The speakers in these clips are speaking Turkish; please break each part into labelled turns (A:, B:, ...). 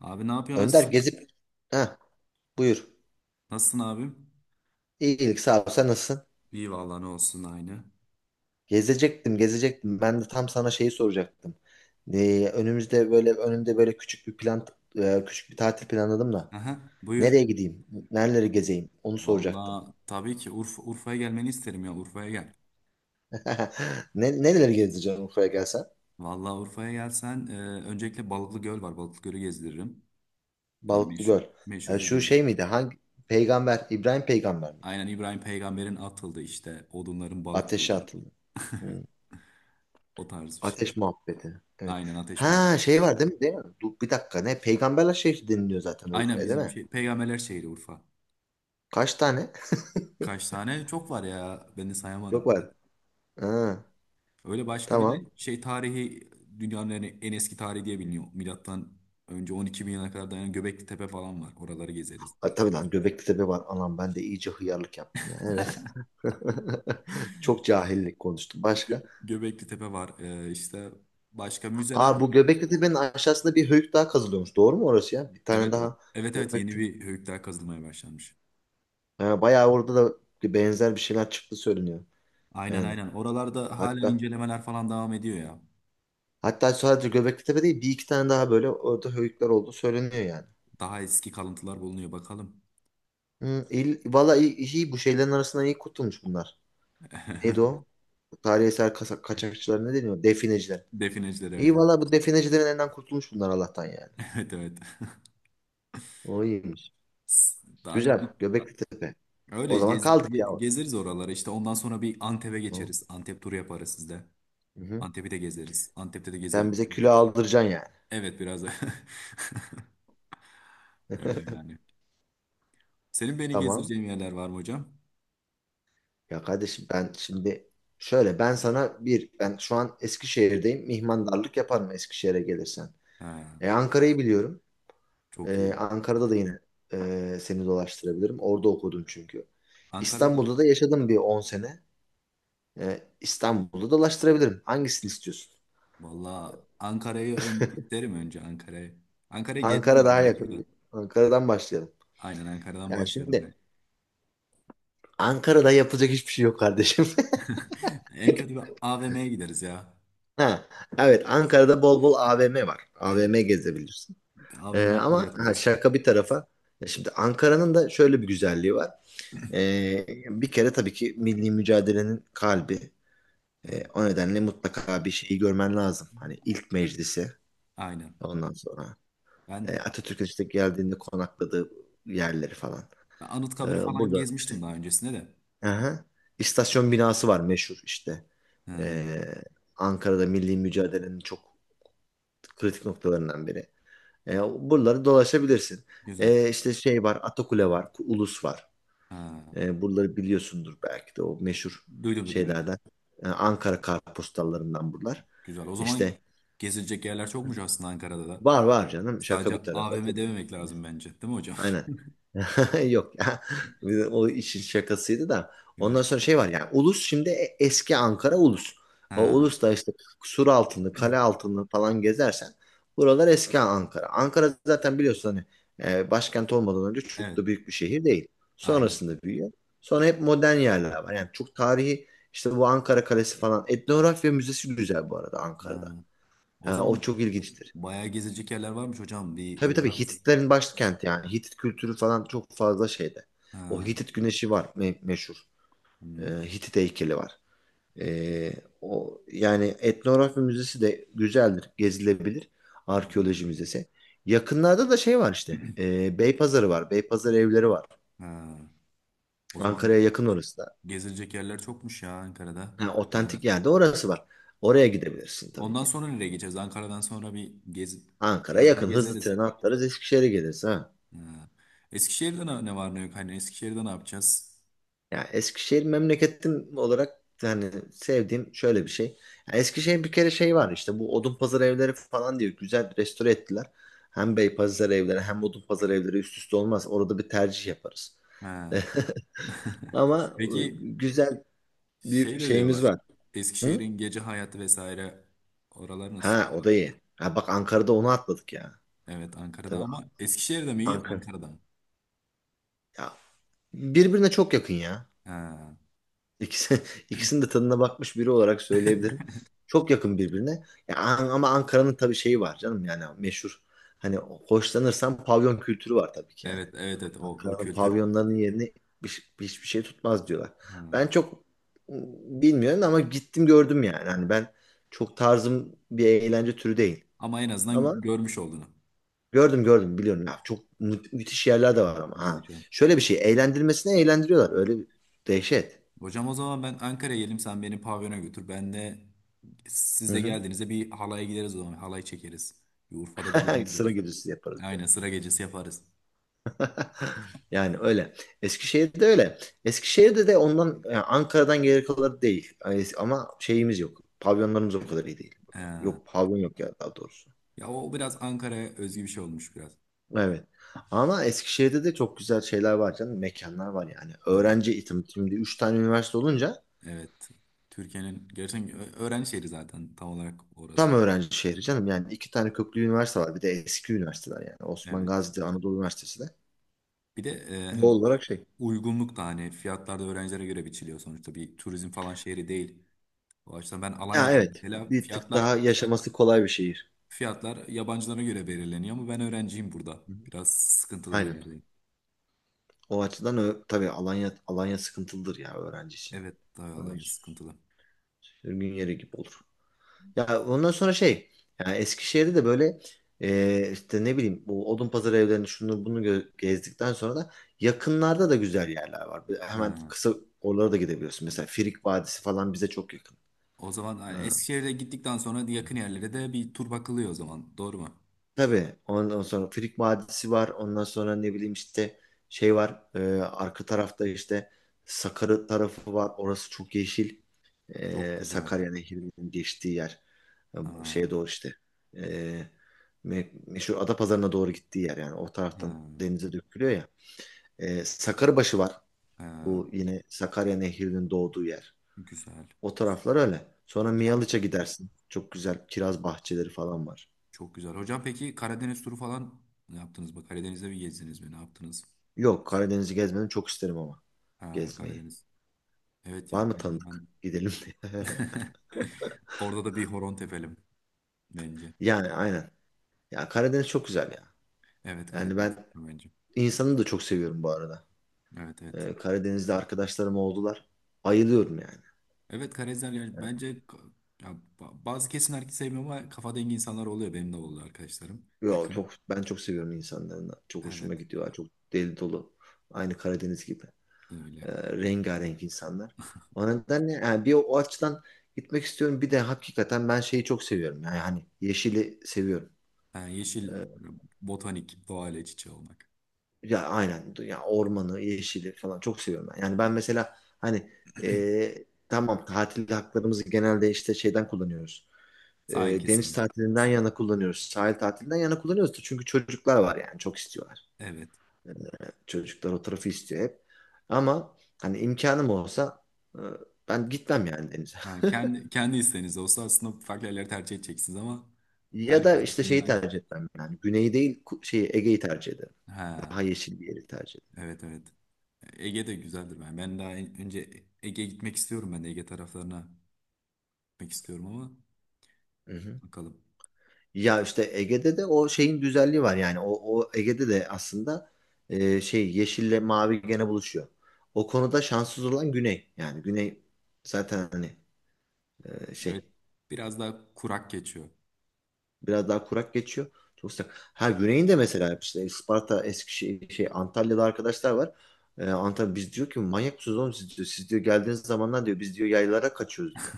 A: Abi ne yapıyorsun?
B: Önder
A: Nasılsın?
B: gezip ha buyur.
A: Nasılsın abim?
B: İyilik sağ ol. Sen nasılsın?
A: İyi vallahi ne olsun aynı.
B: Gezecektim, gezecektim. Ben de tam sana şeyi soracaktım. Önümüzde böyle önümde böyle küçük bir plan, küçük bir tatil planladım da.
A: Aha, buyur.
B: Nereye gideyim? Nereleri gezeyim? Onu soracaktım.
A: Vallahi tabii ki Urfa, Urfa'ya gelmeni isterim ya, Urfa'ya gel.
B: Nereleri gezeceğim Urfa'ya gelsen?
A: Vallahi Urfa'ya gelsen öncelikle Balıklı Göl var. Balıklı Göl'ü gezdiririm. Yani
B: Balıklı
A: meşhur,
B: Göl. Ha,
A: meşhur
B: şu
A: bilindik.
B: şey miydi? Hangi peygamber? İbrahim peygamber miydi?
A: Aynen İbrahim Peygamber'in atıldı işte. Odunların balık
B: Ateşe
A: oldu.
B: atıldı. Hmm.
A: O tarz bir şey.
B: Ateş muhabbeti. Evet.
A: Aynen ateş
B: Ha
A: muhabbeti.
B: şey var değil mi? Değil mi? Dur, bir dakika ne? Peygamberler şehri deniliyor zaten
A: Aynen
B: Urfa'ya değil
A: bizim
B: mi?
A: şey. Peygamberler şehri Urfa.
B: Kaç tane?
A: Kaç tane? Çok var ya. Ben de
B: Çok
A: sayamadım.
B: var. Ha,
A: Öyle başka bir de
B: tamam.
A: şey tarihi, dünyanın en eski tarihi diye biliniyor. Milattan önce 12 bin yana kadar dayanan Göbekli Tepe falan var. Oraları gezeriz.
B: Ha, tabii lan Göbekli Tepe var. Anam ben de iyice hıyarlık yaptım ya. Evet. Çok cahillik konuştum. Başka?
A: Göbekli Tepe var. İşte başka müzeler
B: Aa,
A: var.
B: bu Göbekli Tepe'nin aşağısında bir höyük daha kazılıyormuş. Doğru mu orası ya? Bir tane
A: Evet o.
B: daha
A: Evet, yeni
B: Göbekli
A: bir höyükler kazılmaya başlanmış.
B: ha, bayağı orada da benzer bir şeyler çıktı söyleniyor.
A: Aynen
B: Yani
A: aynen. Oralarda hala
B: hatta
A: incelemeler falan devam ediyor ya.
B: hatta sadece Göbekli Tepe değil bir iki tane daha böyle orada höyükler oldu söyleniyor yani.
A: Daha eski kalıntılar bulunuyor bakalım.
B: Hı, valla iyi, iyi bu şeylerin arasından iyi kurtulmuş bunlar. Neydi o? Tarihi eser kaçakçılar ne deniyor? Defineciler.
A: Defineciler, evet.
B: İyi valla bu definecilerin elinden kurtulmuş bunlar Allah'tan yani.
A: Evet, evet.
B: O iyiymiş.
A: S- Daha önce,
B: Güzel. Göbekli Tepe. O zaman kaldık ya, orada.
A: Gezeriz oraları. İşte ondan sonra bir Antep'e
B: Hı
A: geçeriz. Antep turu yaparız sizde.
B: hı.
A: Antep'i de gezeriz. Antep'te de
B: Sen
A: gezelim.
B: bize külah aldıracaksın yani.
A: Evet, biraz da. Öyle yani. Senin beni
B: Tamam.
A: gezdireceğin yerler var mı hocam?
B: Ya kardeşim ben şimdi şöyle, ben sana bir, ben şu an Eskişehir'deyim. Mihmandarlık yaparım Eskişehir'e gelirsen.
A: Ha,
B: Ankara'yı biliyorum.
A: çok iyi.
B: Ankara'da da yine seni dolaştırabilirim. Orada okudum çünkü.
A: Ankara'da.
B: İstanbul'da da yaşadım bir 10 sene. İstanbul'da dolaştırabilirim. Hangisini istiyorsun?
A: Valla Ankara'yı isterim, önce Ankara'yı. Ankara'yı gezdim
B: Ankara
A: de
B: daha
A: ben bir tur da.
B: yakın. Ankara'dan başlayalım.
A: Aynen Ankara'dan
B: Yani
A: başlayalım.
B: şimdi
A: Bir.
B: Ankara'da yapılacak hiçbir şey yok kardeşim.
A: En kötü bir AVM'ye gideriz ya.
B: Ha, evet Ankara'da bol bol AVM var.
A: Evet.
B: AVM gezebilirsin.
A: AVM turu
B: Ama ha,
A: yaparız.
B: şaka bir tarafa. Ya şimdi Ankara'nın da şöyle bir güzelliği var. Bir kere tabii ki milli mücadelenin kalbi.
A: Evet.
B: O nedenle mutlaka bir şeyi görmen lazım. Hani ilk meclisi,
A: Aynen.
B: ondan sonra
A: Ben
B: Atatürk'ün işte geldiğinde konakladığı yerleri falan.
A: Ben Anıtkabir'i falan
B: Burada işte.
A: gezmiştim daha öncesinde de.
B: Aha. İstasyon binası var, meşhur işte.
A: Ha,
B: Ee, Ankara'da milli mücadelenin çok kritik noktalarından biri. Buraları dolaşabilirsin.
A: güzel.
B: İşte şey var, Atakule var, Ulus var.
A: Ha,
B: Buraları biliyorsundur belki de, o meşhur
A: duydum, evet.
B: şeylerden. Ankara kartpostallarından buralar.
A: Güzel. O zaman
B: İşte
A: gezilecek yerler çokmuş aslında Ankara'da da.
B: var var canım, şaka
A: Sadece
B: bir tarafa,
A: AVM
B: tabii.
A: dememek lazım bence. Değil mi hocam?
B: Aynen. Yok ya. Bir de o işin şakasıydı da.
A: Evet.
B: Ondan sonra şey var yani Ulus, şimdi eski Ankara Ulus. O
A: Ha,
B: Ulus da işte sur altını, kale altını falan gezersen, buralar eski Ankara. Ankara zaten biliyorsun hani başkent olmadan önce çok
A: evet.
B: da büyük bir şehir değil.
A: Aynen.
B: Sonrasında büyüyor. Sonra hep modern yerler var. Yani çok tarihi işte, bu Ankara Kalesi falan. Etnografya Müzesi güzel bu arada Ankara'da.
A: Ha, o
B: Ha, o
A: zaman
B: çok ilginçtir.
A: bayağı gezilecek yerler varmış hocam. Bir
B: Tabii tabii
A: uğrarız.
B: Hititlerin başkenti yani. Hitit kültürü falan çok fazla şeyde. O
A: Ha,
B: Hitit güneşi var, meşhur. Ee,
A: hmm,
B: Hitit heykeli var. Ee, O yani etnografya müzesi de güzeldir, gezilebilir.
A: oraları
B: Arkeoloji
A: gibi.
B: müzesi. Yakınlarda da şey var işte. Beypazarı var. Beypazarı evleri var.
A: Ha, o zaman
B: Ankara'ya yakın orası da.
A: gezilecek yerler çokmuş ya Ankara'da.
B: Ha, otantik
A: Gezeriz.
B: yerde orası var. Oraya gidebilirsin tabii
A: Ondan
B: ki.
A: sonra nereye geçeceğiz? Ankara'dan sonra bir gez,
B: Ankara'ya
A: biraz daha
B: yakın. Hızlı
A: gezeriz.
B: tren atlarız Eskişehir'e geliriz ha.
A: Ha. Eskişehir'de ne var ne yok? Hani Eskişehir'de ne yapacağız?
B: Ya Eskişehir memleketim olarak yani sevdiğim şöyle bir şey. Ya Eskişehir bir kere şey var işte, bu Odunpazarı evleri falan diye güzel restore ettiler. Hem Beypazarı evleri hem Odunpazarı evleri üst üste olmaz. Orada bir tercih yaparız.
A: Ha.
B: Ama
A: Peki
B: güzel bir
A: şey de
B: şeyimiz
A: diyorlar.
B: var. Hı?
A: Eskişehir'in gece hayatı vesaire oralar
B: Ha,
A: nasıl?
B: o da iyi. Ha bak, Ankara'da onu atladık ya.
A: Evet, Ankara'da,
B: Tabii
A: ama Eskişehir'de mi iyi
B: Ankara.
A: Ankara'da?
B: Ya, birbirine çok yakın ya.
A: Ha.
B: İkisi, ikisinin de tadına bakmış biri olarak söyleyebilirim. Çok yakın birbirine. Ya, ama Ankara'nın tabii şeyi var canım, yani meşhur. Hani hoşlanırsan pavyon kültürü var tabii ki yani.
A: Evet o
B: Ankara'nın
A: kültür.
B: pavyonlarının yerini hiçbir şey tutmaz diyorlar.
A: Ha.
B: Ben çok bilmiyorum ama gittim gördüm yani. Hani ben çok, tarzım bir eğlence türü değil.
A: Ama en azından
B: Ama
A: görmüş olduğunu.
B: gördüm gördüm, biliyorum ya. Çok müthiş yerler de var ama.
A: İyi
B: Ha.
A: hocam.
B: Şöyle bir şey, eğlendirmesine eğlendiriyorlar. Öyle bir dehşet.
A: Hocam, o zaman ben Ankara'ya gelim, sen beni pavyona götür. Ben de, siz
B: Hı
A: de
B: hı.
A: geldiğinizde bir halaya gideriz o zaman. Halay çekeriz. Bir Urfa'da bir düğüne
B: Sıra
A: gideriz.
B: gecesi yaparız.
A: Aynen sıra gecesi yaparız.
B: Yani öyle. Eskişehir'de öyle. Eskişehir'de de ondan yani, Ankara'dan geri kalanı değil. Yani ama şeyimiz yok. Pavyonlarımız o kadar iyi değil burada.
A: Ha.
B: Yok pavyon, yok ya daha doğrusu.
A: Ya o biraz Ankara'ya özgü bir şey olmuş biraz.
B: Evet. Ama Eskişehir'de de çok güzel şeyler var canım. Mekanlar var yani.
A: Ha.
B: Öğrenci eğitim. Şimdi 3 tane üniversite olunca
A: Evet. Türkiye'nin gerçekten ö- öğrenci şehri zaten tam olarak
B: tam
A: orası.
B: öğrenci şehri canım. Yani 2 tane köklü üniversite var. Bir de eski üniversiteler yani. Osman
A: Evet.
B: Gazi'de Anadolu Üniversitesi de.
A: Bir de
B: Doğal
A: hem
B: olarak şey.
A: uygunluk da, hani fiyatlar da öğrencilere göre biçiliyor, sonuçta bir turizm falan şehri değil. O açıdan ben
B: Ya
A: Alanya'dayım
B: evet.
A: mesela,
B: Bir tık
A: fiyatlar
B: daha yaşaması kolay bir şehir.
A: fiyatlar yabancılara göre belirleniyor ama ben öğrenciyim burada.
B: Hı hı.
A: Biraz sıkıntılı bir
B: Aynen.
A: yerdeyim.
B: O açıdan tabii Alanya, Alanya sıkıntılıdır ya öğrenci için.
A: Evet, daha Alanya
B: Öğrenci
A: sıkıntılı.
B: sürgün yeri gibi olur. Ya ondan sonra şey yani Eskişehir'de de böyle işte ne bileyim, bu Odunpazarı evlerini şunu bunu gezdikten sonra da yakınlarda da güzel yerler var. Hemen
A: Ha.
B: kısa oralara da gidebiliyorsun. Mesela Frig Vadisi falan bize çok yakın.
A: O zaman yani Eskişehir'e gittikten sonra yakın yerlere de bir tur bakılıyor o zaman. Doğru mu?
B: Tabii ondan sonra Frig Vadisi var. Ondan sonra ne bileyim işte, şey var. Arka tarafta işte Sakarya tarafı var. Orası çok yeşil.
A: Çok güzel.
B: Sakarya Nehri'nin geçtiği yer. E,
A: Ha,
B: Şeye doğru işte. E, Meşhur Adapazarı'na doğru gittiği yer yani. O
A: ha,
B: taraftan denize dökülüyor ya. Sakarbaşı var.
A: ha.
B: Bu yine Sakarya Nehri'nin doğduğu yer.
A: Güzel.
B: O taraflar öyle. Sonra
A: Hocam
B: Miyalıç'a gidersin. Çok güzel kiraz bahçeleri falan var.
A: çok güzel. Hocam peki Karadeniz turu falan ne yaptınız? Bak, Karadeniz'de mi gezdiniz mi? Ne yaptınız?
B: Yok, Karadeniz'i gezmedim, çok isterim ama
A: Ha,
B: gezmeyi.
A: Karadeniz. Evet
B: Var
A: ya,
B: mı
A: Karadeniz
B: tanıdık?
A: ben...
B: Gidelim diye.
A: Orada da bir horon tepelim bence.
B: Yani aynen. Ya Karadeniz çok güzel ya.
A: Evet,
B: Yani
A: Karadeniz
B: ben
A: bence.
B: insanı da çok seviyorum bu arada.
A: Evet, evet.
B: Karadeniz'de arkadaşlarım oldular. Ayılıyorum yani.
A: Evet Karadenizler yani bence ka-, ya, ba- bazı kesim herkes sevmiyor ama kafa dengi insanlar oluyor. Benim de oldu arkadaşlarım
B: Yo,
A: yakın.
B: çok, ben çok seviyorum insanlarını. Çok hoşuma
A: Evet
B: gidiyorlar. Çok deli dolu. Aynı Karadeniz gibi.
A: öyle.
B: Ee, Rengarenk insanlar. O nedenle yani bir o açıdan gitmek istiyorum. Bir de hakikaten ben şeyi çok seviyorum. Yani hani yeşili seviyorum.
A: Ha, yeşil
B: Ee,
A: botanik doğayla iç içe olmak.
B: Ya aynen ya, ormanı, yeşili falan çok seviyorum ben. Yani ben mesela hani e, tamam, tatil haklarımızı genelde işte şeyden kullanıyoruz.
A: Sahil
B: Deniz
A: kesimi.
B: tatilinden yana kullanıyoruz. Sahil tatilinden yana kullanıyoruz da, çünkü çocuklar var yani, çok istiyorlar.
A: Evet.
B: E, Çocuklar o tarafı istiyor hep. Ama hani imkanım olsa e, ben gitmem yani denize.
A: Ha, kendi isteğiniz olsa aslında farklı yerleri tercih edeceksiniz ama
B: Ya da
A: herkes
B: işte şeyi
A: düşününce.
B: tercih etmem yani. Güneyi değil, şeyi Ege'yi tercih ederim.
A: Ha,
B: Daha yeşil bir yeri tercih
A: evet, evet. Ege de güzeldir ben. Ben daha en- önce Ege'ye gitmek istiyorum, ben de Ege taraflarına gitmek istiyorum ama
B: ederim.
A: bakalım.
B: Ya işte Ege'de de o şeyin güzelliği var yani, o Ege'de de aslında şey, yeşille mavi gene buluşuyor. O konuda şanssız olan Güney, yani Güney zaten hani
A: Evet,
B: şey,
A: biraz daha kurak geçiyor.
B: biraz daha kurak geçiyor. Çok sıcak. Ha, Güney'in de mesela işte Isparta, Eskişehir, şey Antalya'da arkadaşlar var. Antalya biz diyor ki, manyak mısınız oğlum siz diyor. Siz diyor geldiğiniz zamanlar diyor, biz diyor yaylara kaçıyoruz diyor.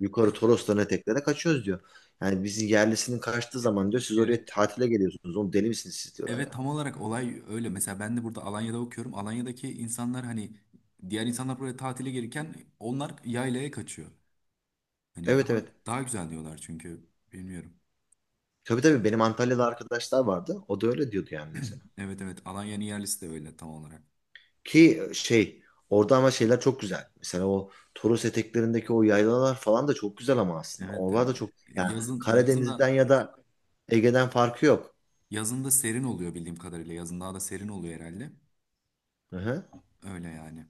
B: Yukarı Torosların eteklere kaçıyoruz diyor. Yani bizi yerlisinin kaçtığı
A: E-
B: zaman diyor, siz oraya
A: Evet.
B: tatile geliyorsunuz. Oğlum deli misiniz siz diyorlar
A: Evet tam
B: yani.
A: olarak olay öyle. Mesela ben de burada Alanya'da okuyorum. Alanya'daki insanlar hani, diğer insanlar buraya tatile gelirken onlar yaylaya kaçıyor. Hani
B: Evet
A: daha
B: evet.
A: daha güzel diyorlar çünkü bilmiyorum.
B: Tabii tabii benim Antalya'da arkadaşlar vardı. O da öyle diyordu yani mesela.
A: Evet, evet, Alanya'nın yerlisi de öyle tam olarak.
B: Ki şey, orada ama şeyler çok güzel. Mesela o Toros eteklerindeki o yaylalar falan da çok güzel ama aslında.
A: Evet
B: Oralar
A: hem
B: da çok, yani
A: yazın
B: Karadeniz'den
A: da,
B: ya da Ege'den farkı yok.
A: yazın da serin oluyor bildiğim kadarıyla. Yazın daha da serin oluyor herhalde.
B: Hı hı.
A: Öyle yani.